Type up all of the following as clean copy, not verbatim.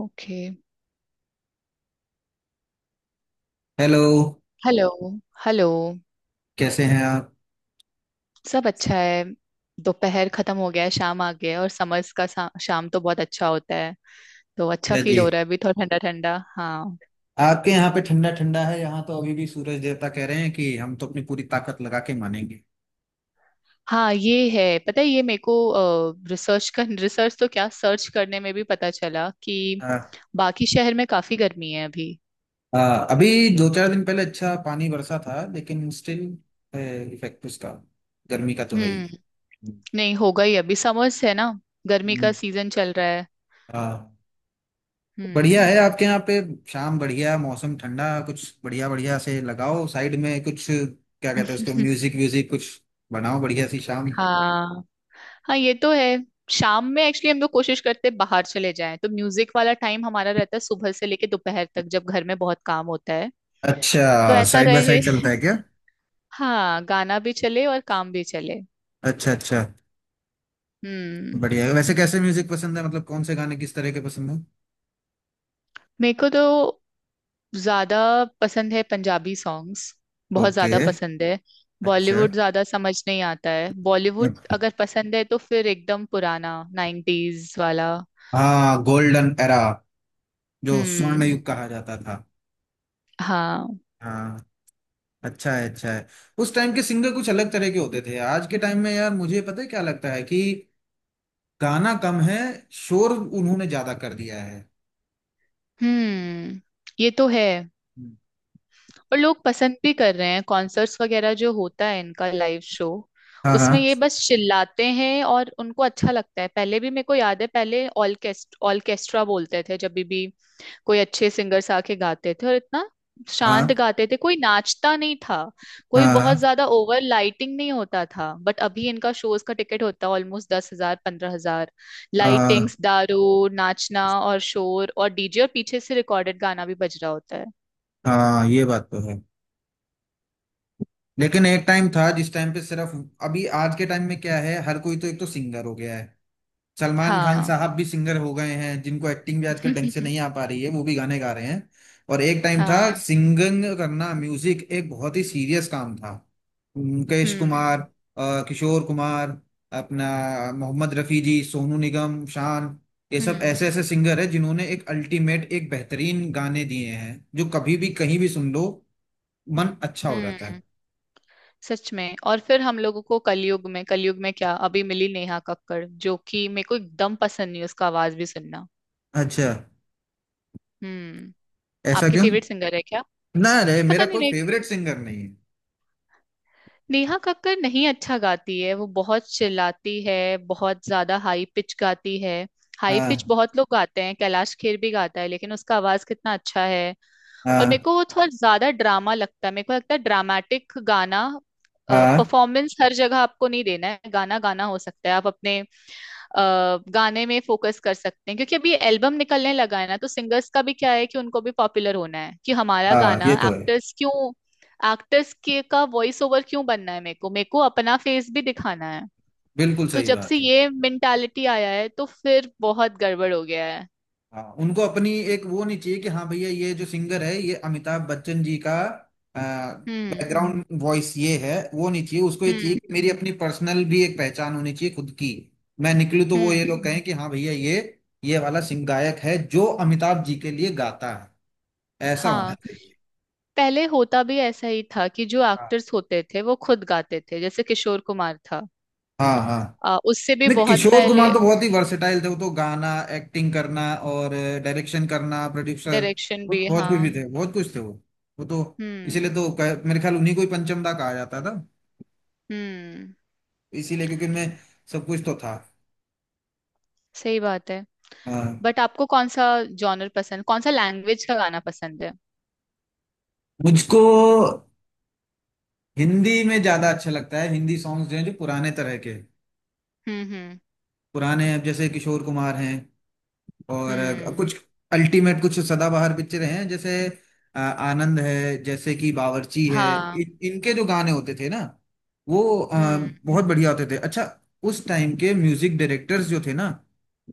Okay. Hello. Hello. Hello. कैसे हैं आप? सब अच्छा है। दोपहर खत्म हो गया है, शाम आ गया है और समर्स का शाम तो बहुत अच्छा होता है। तो अच्छा या जी, फील हो रहा है, अभी थोड़ा ठंडा ठंडा। हाँ। आपके यहाँ पे ठंडा ठंडा है। यहाँ तो अभी भी सूरज देवता कह रहे हैं कि हम तो अपनी पूरी ताकत लगा के मानेंगे। हाँ ये है, पता है ये मेरे को। रिसर्च तो क्या सर्च करने में भी पता चला कि आ, बाकी शहर में काफी गर्मी है अभी। आ, अभी दो चार दिन पहले अच्छा पानी बरसा था, लेकिन स्टिल इफेक्ट उसका गर्मी का तो है ही। हम्म। नहीं, होगा ही, अभी समर्स है ना, गर्मी का हम्म, सीजन चल रहा है। हाँ, बढ़िया है हम्म। आपके यहाँ पे। शाम बढ़िया, मौसम ठंडा, कुछ बढ़िया बढ़िया से लगाओ साइड में, कुछ क्या कहते हैं उसको, म्यूजिक व्यूजिक कुछ बनाओ बढ़िया सी शाम। हाँ। हाँ ये तो है। शाम में एक्चुअली हम लोग कोशिश करते हैं बाहर चले जाएं, तो म्यूजिक वाला टाइम हमारा रहता है सुबह से लेके दोपहर तक जब घर में बहुत काम होता है। तो अच्छा, ऐसा साइड बाय रहे। साइड चलता है क्या? हाँ, गाना भी चले और काम भी चले। अच्छा अच्छा। हम्म। बढ़िया है। वैसे कैसे म्यूजिक पसंद है, मतलब कौन से गाने, किस तरह के पसंद है? मेरे को तो ज्यादा पसंद है पंजाबी सॉन्ग्स, बहुत ओके। ज्यादा पसंद है। अच्छा। बॉलीवुड ज्यादा समझ नहीं आता है, बॉलीवुड अगर पसंद है तो फिर एकदम पुराना नाइन्टीज वाला। हाँ, गोल्डन एरा, जो स्वर्ण हम्म। युग कहा जाता था। हाँ। हाँ, अच्छा है अच्छा है। उस टाइम के सिंगर कुछ अलग तरह के होते थे। आज के टाइम में यार, मुझे पता है क्या लगता है कि गाना कम है, शोर उन्होंने ज्यादा कर दिया है। हम्म। ये तो है। और लोग पसंद भी कर रहे हैं, कॉन्सर्ट्स वगैरह जो होता है इनका लाइव शो, हाँ उसमें हाँ ये बस चिल्लाते हैं और उनको अच्छा लगता है। पहले भी मेरे को याद है, पहले ऑर्केस्ट्रा बोलते थे जब भी कोई अच्छे सिंगर्स आके गाते थे और इतना हाँ शांत गाते थे, कोई नाचता नहीं था, कोई बहुत हाँ ज्यादा ओवर लाइटिंग नहीं होता था। बट अभी इनका शोज का टिकट होता है ऑलमोस्ट 10,000 15,000, हाँ लाइटिंग्स, दारू, नाचना और शोर और डीजे और पीछे से रिकॉर्डेड गाना भी बज रहा होता है। हाँ ये बात तो है। लेकिन एक टाइम था जिस टाइम पे सिर्फ, अभी आज के टाइम में क्या है, हर कोई तो एक तो सिंगर हो गया है। सलमान खान हाँ। साहब भी सिंगर हो गए हैं, जिनको एक्टिंग भी आजकल ढंग से नहीं आ पा रही है, वो भी गाने गा रहे हैं। और एक टाइम था, हाँ। सिंगिंग करना, म्यूजिक एक बहुत ही सीरियस काम था। मुकेश हम्म। कुमार, किशोर कुमार, अपना मोहम्मद रफी जी, सोनू निगम, शान, ये सब हम्म। ऐसे ऐसे सिंगर है जिन्होंने एक अल्टीमेट, एक बेहतरीन गाने दिए हैं, जो कभी भी कहीं भी सुन लो मन अच्छा हो जाता है। हम्म, सच में। और फिर हम लोगों को कलयुग में, क्या अभी मिली, नेहा कक्कड़ जो कि मेरे को एकदम पसंद नहीं, उसका आवाज भी सुनना। अच्छा, हम्म। ऐसा आपकी क्यों? फेवरेट सिंगर है क्या? ना रे, पता मेरा नहीं, कोई फेवरेट सिंगर नहीं है। नेहा कक्कड़ नहीं अच्छा गाती है, वो बहुत चिल्लाती है, बहुत ज्यादा हाई पिच गाती है। हाई पिच हाँ बहुत लोग गाते हैं, कैलाश खेर भी गाता है लेकिन उसका आवाज कितना अच्छा है। और मेरे हाँ को वो थोड़ा ज्यादा ड्रामा लगता है, मेरे को लगता है ड्रामेटिक गाना। हाँ परफॉर्मेंस हर जगह आपको नहीं देना है, गाना गाना हो सकता है आप अपने अ, गाने में फोकस कर सकते हैं। क्योंकि अभी एल्बम निकलने लगा है ना, तो सिंगर्स का भी क्या है कि उनको भी पॉपुलर होना है, कि हमारा हाँ गाना ये तो है। एक्टर्स क्यों, एक्टर्स के का वॉइस ओवर क्यों बनना है, मेरे को अपना फेस भी दिखाना है। बिल्कुल तो सही जब से बात है। ये मेंटालिटी आया है, तो फिर बहुत गड़बड़ हो गया है। हाँ, उनको अपनी एक वो नहीं चाहिए कि हाँ भैया ये जो सिंगर है ये अमिताभ बच्चन जी का हम्म। बैकग्राउंड वॉइस ये है, वो नहीं चाहिए उसको। ये चाहिए हम्म। कि मेरी अपनी पर्सनल भी एक पहचान होनी चाहिए, खुद की। मैं निकलूँ तो वो, हम्म। ये लोग कहें कि हाँ भैया ये वाला सिंग गायक है जो अमिताभ जी के लिए गाता है। ऐसा होना हाँ, चाहिए। पहले होता भी ऐसा ही था कि जो हाँ एक्टर्स होते थे वो खुद गाते थे, जैसे किशोर कुमार था। हाँ हाँ, उससे भी नहीं बहुत किशोर पहले। कुमार तो बहुत ही वर्सेटाइल थे। वो तो गाना, एक्टिंग करना, और डायरेक्शन करना, प्रोड्यूसर, डायरेक्शन वो भी, तो बहुत हाँ। कुछ भी थे, बहुत कुछ थे वो। वो तो हम्म। इसीलिए तो मेरे ख्याल उन्हीं को ही पंचमदा कहा जाता था, हम्म, इसीलिए, क्योंकि उनमें सब कुछ तो था। सही बात है। हाँ। बट आपको कौन सा जॉनर पसंद, कौन सा लैंग्वेज का गाना पसंद है? मुझको हिंदी में ज्यादा अच्छा लगता है, हिंदी सॉन्ग्स जो हैं जो पुराने तरह के, हम्म। हम्म। पुराने, अब जैसे किशोर कुमार हैं, और हम्म। कुछ अल्टीमेट कुछ सदाबहार पिक्चरें हैं जैसे आनंद है, जैसे कि बावर्ची है, हाँ। इनके जो गाने होते थे ना, वो हम्म। बहुत बढ़िया होते थे। अच्छा, उस टाइम के म्यूजिक डायरेक्टर्स जो थे ना,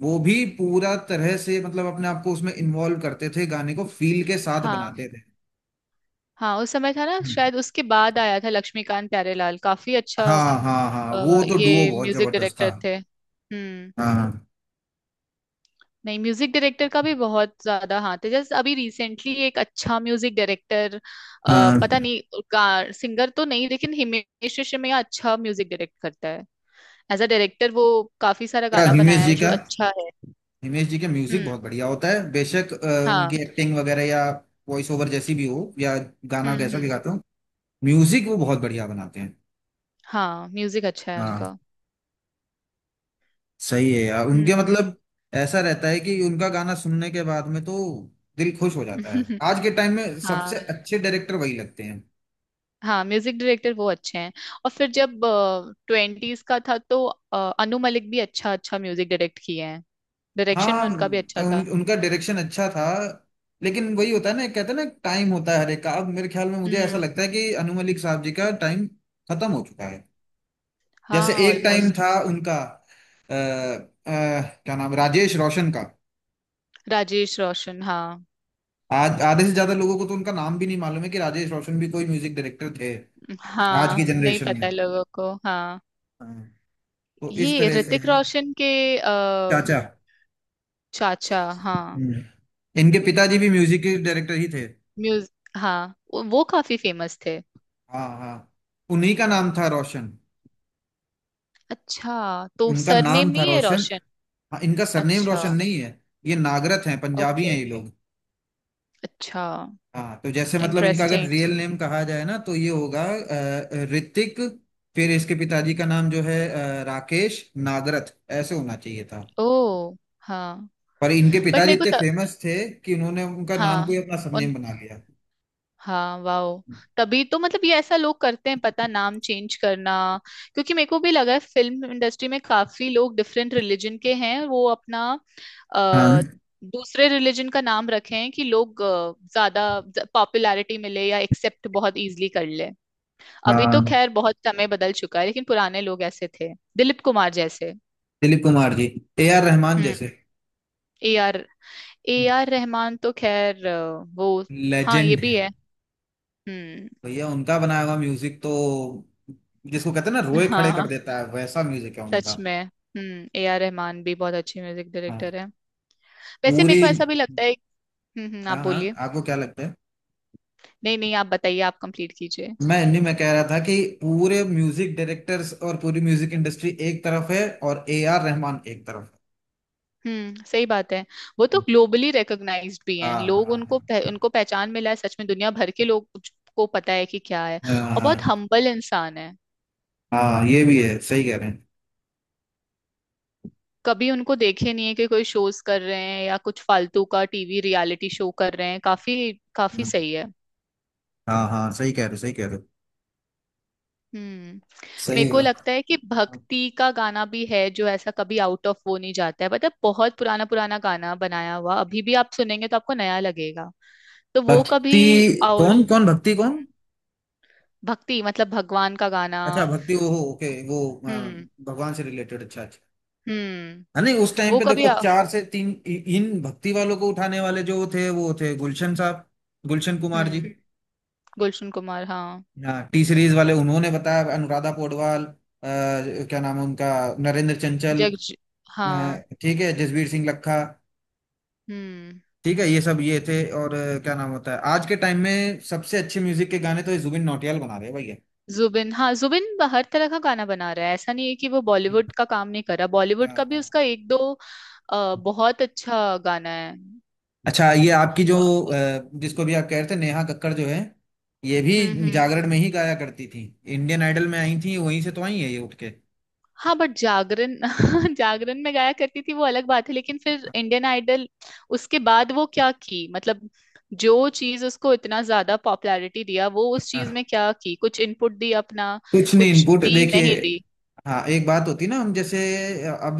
वो भी पूरा तरह से मतलब अपने आप को उसमें इन्वॉल्व करते थे, गाने को फील के साथ हाँ। बनाते थे। हाँ, उस समय था ना। हम्म। शायद उसके बाद आया था लक्ष्मीकांत प्यारेलाल, काफी अच्छा। हाँ हाँ हाँ, वो तो डुओ ये बहुत म्यूजिक जबरदस्त डायरेक्टर था। थे। हम्म। हाँ नहीं, म्यूजिक डायरेक्टर का भी बहुत ज्यादा हाथ है। जैसे अभी रिसेंटली एक अच्छा म्यूजिक डायरेक्टर, पता हाँ। नहीं, सिंगर तो नहीं लेकिन हिमेश रेशमिया अच्छा म्यूजिक डायरेक्ट करता है। एज अ डायरेक्टर वो काफी सारा क्या गाना हिमेश बनाया है जी जो का, अच्छा है। हिमेश जी के म्यूजिक हम्म। बहुत बढ़िया होता है, बेशक। हाँ। उनकी एक्टिंग वगैरह या वॉइस ओवर जैसी भी हो, या गाना हम्म। जैसा भी हम्म। गाते हो, म्यूजिक वो बहुत बढ़िया बनाते हैं। हाँ, म्यूजिक अच्छा है हाँ, उनका। सही है यार, उनके हम्म। मतलब ऐसा रहता है कि उनका गाना सुनने के बाद में तो दिल खुश हो जाता है। आज के टाइम में हाँ। सबसे अच्छे डायरेक्टर वही लगते हैं। हाँ, म्यूजिक डायरेक्टर वो अच्छे हैं। और फिर जब ट्वेंटीज का था तो अनु मलिक भी अच्छा अच्छा म्यूजिक डायरेक्ट किए हैं। डायरेक्शन हाँ, में उनका भी अच्छा था। उनका डायरेक्शन अच्छा था। लेकिन वही होता है ना, कहते हैं ना टाइम होता है हर एक का। अब मेरे ख्याल में मुझे ऐसा हम्म। लगता है कि अनु मलिक साहब जी का टाइम खत्म हो चुका है। जैसे हाँ एक टाइम ऑलमोस्ट। था उनका, क्या नाम, राजेश रोशन का। राजेश रोशन, हाँ। आज आधे से ज्यादा लोगों को तो उनका नाम भी नहीं मालूम है कि राजेश रोशन भी कोई म्यूजिक डायरेक्टर थे आज की हाँ, नहीं जनरेशन पता है में। लोगों को। हाँ। हाँ। तो इस ये तरह से ऋतिक है। रोशन के अ, चाचा। चाचा, हाँ। हम्म। इनके पिताजी भी म्यूजिक के डायरेक्टर ही थे। म्यूज, हाँ वो काफी फेमस थे। हाँ हाँ, उन्हीं का नाम था रोशन। अच्छा, तो उनका सरनेम नाम था नहीं है रोशन। रोशन? हाँ, इनका सरनेम अच्छा। रोशन नहीं है। ये नागरथ हैं, पंजाबी हैं ओके। ये लोग। अच्छा। हाँ, तो जैसे मतलब इनका अगर इंटरेस्टिंग। रियल नेम कहा जाए ना तो ये होगा ऋतिक। फिर इसके पिताजी का नाम जो है राकेश नागरथ, ऐसे होना चाहिए था। ओ। हाँ। पर इनके बट पिताजी मेरे को इतने त, फेमस थे कि उन्होंने उनका नाम को हाँ। ही अपना सरनेम बना लिया। हाँ, वाओ। तभी तो, मतलब ये ऐसा लोग करते हैं, पता, नाम चेंज करना। क्योंकि मेरे को भी लगा है, फिल्म इंडस्ट्री में काफी लोग डिफरेंट रिलीजन के हैं, वो अपना हाँ। अ, दूसरे रिलीजन का नाम रखे हैं कि लोग ज्यादा पॉपुलैरिटी मिले या एक्सेप्ट बहुत इजीली कर ले। अभी तो हाँ, खैर बहुत समय बदल चुका है लेकिन पुराने लोग ऐसे थे, दिलीप कुमार जैसे। दिलीप कुमार जी, ए आर रहमान हम्म। जैसे ए आर ए आर रहमान तो खैर वो, हाँ ये लेजेंड भी है। है। हम्म। भैया उनका बनाया हुआ म्यूजिक तो, जिसको कहते हैं ना, रोए खड़े कर हाँ, देता है, वैसा म्यूजिक है उनका। सच में। हम्म, ए आर रहमान भी बहुत अच्छे म्यूजिक हाँ। डायरेक्टर हैं। वैसे मेरे पूरी, को ऐसा भी लगता है। हम्म। आप हाँ हाँ, बोलिए। आपको क्या लगता है? नहीं नहीं, आप बताइए, आप कंप्लीट कीजिए। मैं इन्हीं में कह रहा था कि पूरे म्यूजिक डायरेक्टर्स और पूरी म्यूजिक इंडस्ट्री एक तरफ है, और ए आर रहमान एक तरफ हम्म, सही बात है। वो तो है। ग्लोबली रिकॉग्नाइज्ड भी हैं, हाँ लोग उनको हाँ उनको पहचान मिला है, सच में दुनिया भर के लोग को पता है कि क्या है। हाँ हाँ और बहुत हाँ हम्बल इंसान है। हाँ, ये भी है, सही कह रहे कभी उनको देखे नहीं है कि कोई शोज कर रहे हैं या कुछ फालतू का टीवी रियलिटी शो कर रहे हैं, काफी काफी हैं। सही है। हाँ हाँ सही कह रहे हो, सही कह रहे हो। हम्म। मेरे सही को है। लगता है कि भक्ति का गाना भी है जो ऐसा कभी आउट ऑफ वो नहीं जाता है, मतलब बहुत पुराना पुराना गाना बनाया हुआ अभी भी आप सुनेंगे तो आपको नया लगेगा। तो वो कभी, भक्ति? और, कौन कौन भक्ति कौन? भक्ति मतलब भगवान का गाना। अच्छा, भक्ति वो, हो ओके, वो आ, हम्म। भगवान से रिलेटेड, अच्छा अच्छा। हम्म। हाँ, नहीं उस टाइम वो पे कभी देखो, चार से तीन इन भक्ति वालों को उठाने वाले जो थे वो थे गुलशन साहब, गुलशन कुमार जी। हम्म, गुलशन कुमार, हाँ। हाँ, टी सीरीज वाले, उन्होंने बताया अनुराधा पौडवाल, क्या नाम है उनका, नरेंद्र चंचल, जग, हाँ। अ, ठीक है, जसवीर सिंह लखा, हम्म। ठीक है, ये सब ये थे। और क्या नाम होता है, आज के टाइम में सबसे अच्छे म्यूजिक के गाने तो ये जुबिन नौटियाल बना रहे हैं भैया। जुबिन, हाँ, जुबिन हर तरह का गाना बना रहा है, ऐसा नहीं है कि वो बॉलीवुड का काम नहीं कर रहा, बॉलीवुड हाँ का भी हाँ उसका एक दो हाँ। बहुत अच्छा गाना है। अच्छा, ये आपकी जो अ, जिसको भी आप कह रहे थे, नेहा कक्कड़ जो है, ये हम्म। भी हम्म। जागरण में ही गाया करती थी। इंडियन आइडल में आई थी, वहीं से तो आई है ये उठ के। हाँ, बट जागरण, जागरण में गाया करती थी वो अलग बात है, लेकिन फिर इंडियन आइडल, उसके बाद वो क्या की, मतलब जो चीज उसको इतना ज्यादा पॉपुलैरिटी दिया, वो उस चीज हाँ। में क्या की, कुछ इनपुट दी अपना? कुछ नहीं कुछ इनपुट, दी, देखिए, नहीं दी। हाँ एक बात होती ना, हम जैसे, अब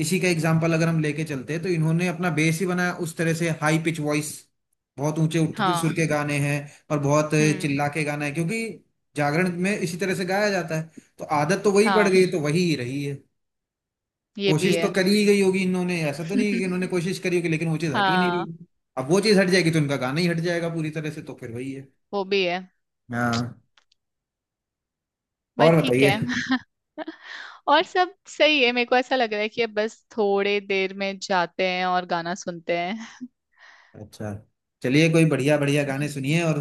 इसी का एग्जांपल अगर हम लेके चलते हैं तो इन्होंने अपना बेस ही बनाया उस तरह से, हाई पिच वॉइस, बहुत ऊंचे उठ के सुर हाँ। के गाने हैं, और बहुत हम्म। चिल्ला के गाना है, क्योंकि जागरण में इसी तरह से गाया जाता है। तो आदत तो वही पड़ हाँ, गई, तो वही ही रही है। ये भी कोशिश तो है। करी ही गई होगी इन्होंने, ऐसा तो नहीं है कि इन्होंने कोशिश करी होगी, लेकिन वो चीज़ हट ही नहीं रही। हाँ। अब वो चीज़ हट जाएगी तो इनका गाना ही हट जाएगा पूरी तरह से, तो फिर वही है। वो भी है। हाँ। और बट ठीक बताइए? है। और सब सही है। मेरे को ऐसा लग रहा है कि अब बस थोड़े देर में जाते हैं और गाना सुनते हैं। अच्छा, चलिए, कोई बढ़िया बढ़िया गाने सुनिए, और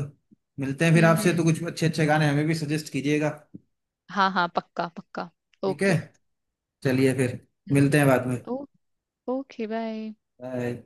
मिलते हैं फिर हम्म। आपसे। तो हम्म। कुछ अच्छे अच्छे गाने हमें भी सजेस्ट कीजिएगा। हाँ हाँ, पक्का पक्का। ठीक है। ओके। चलिए फिर, मिलते हैं बाद में। Okay bye. बाय।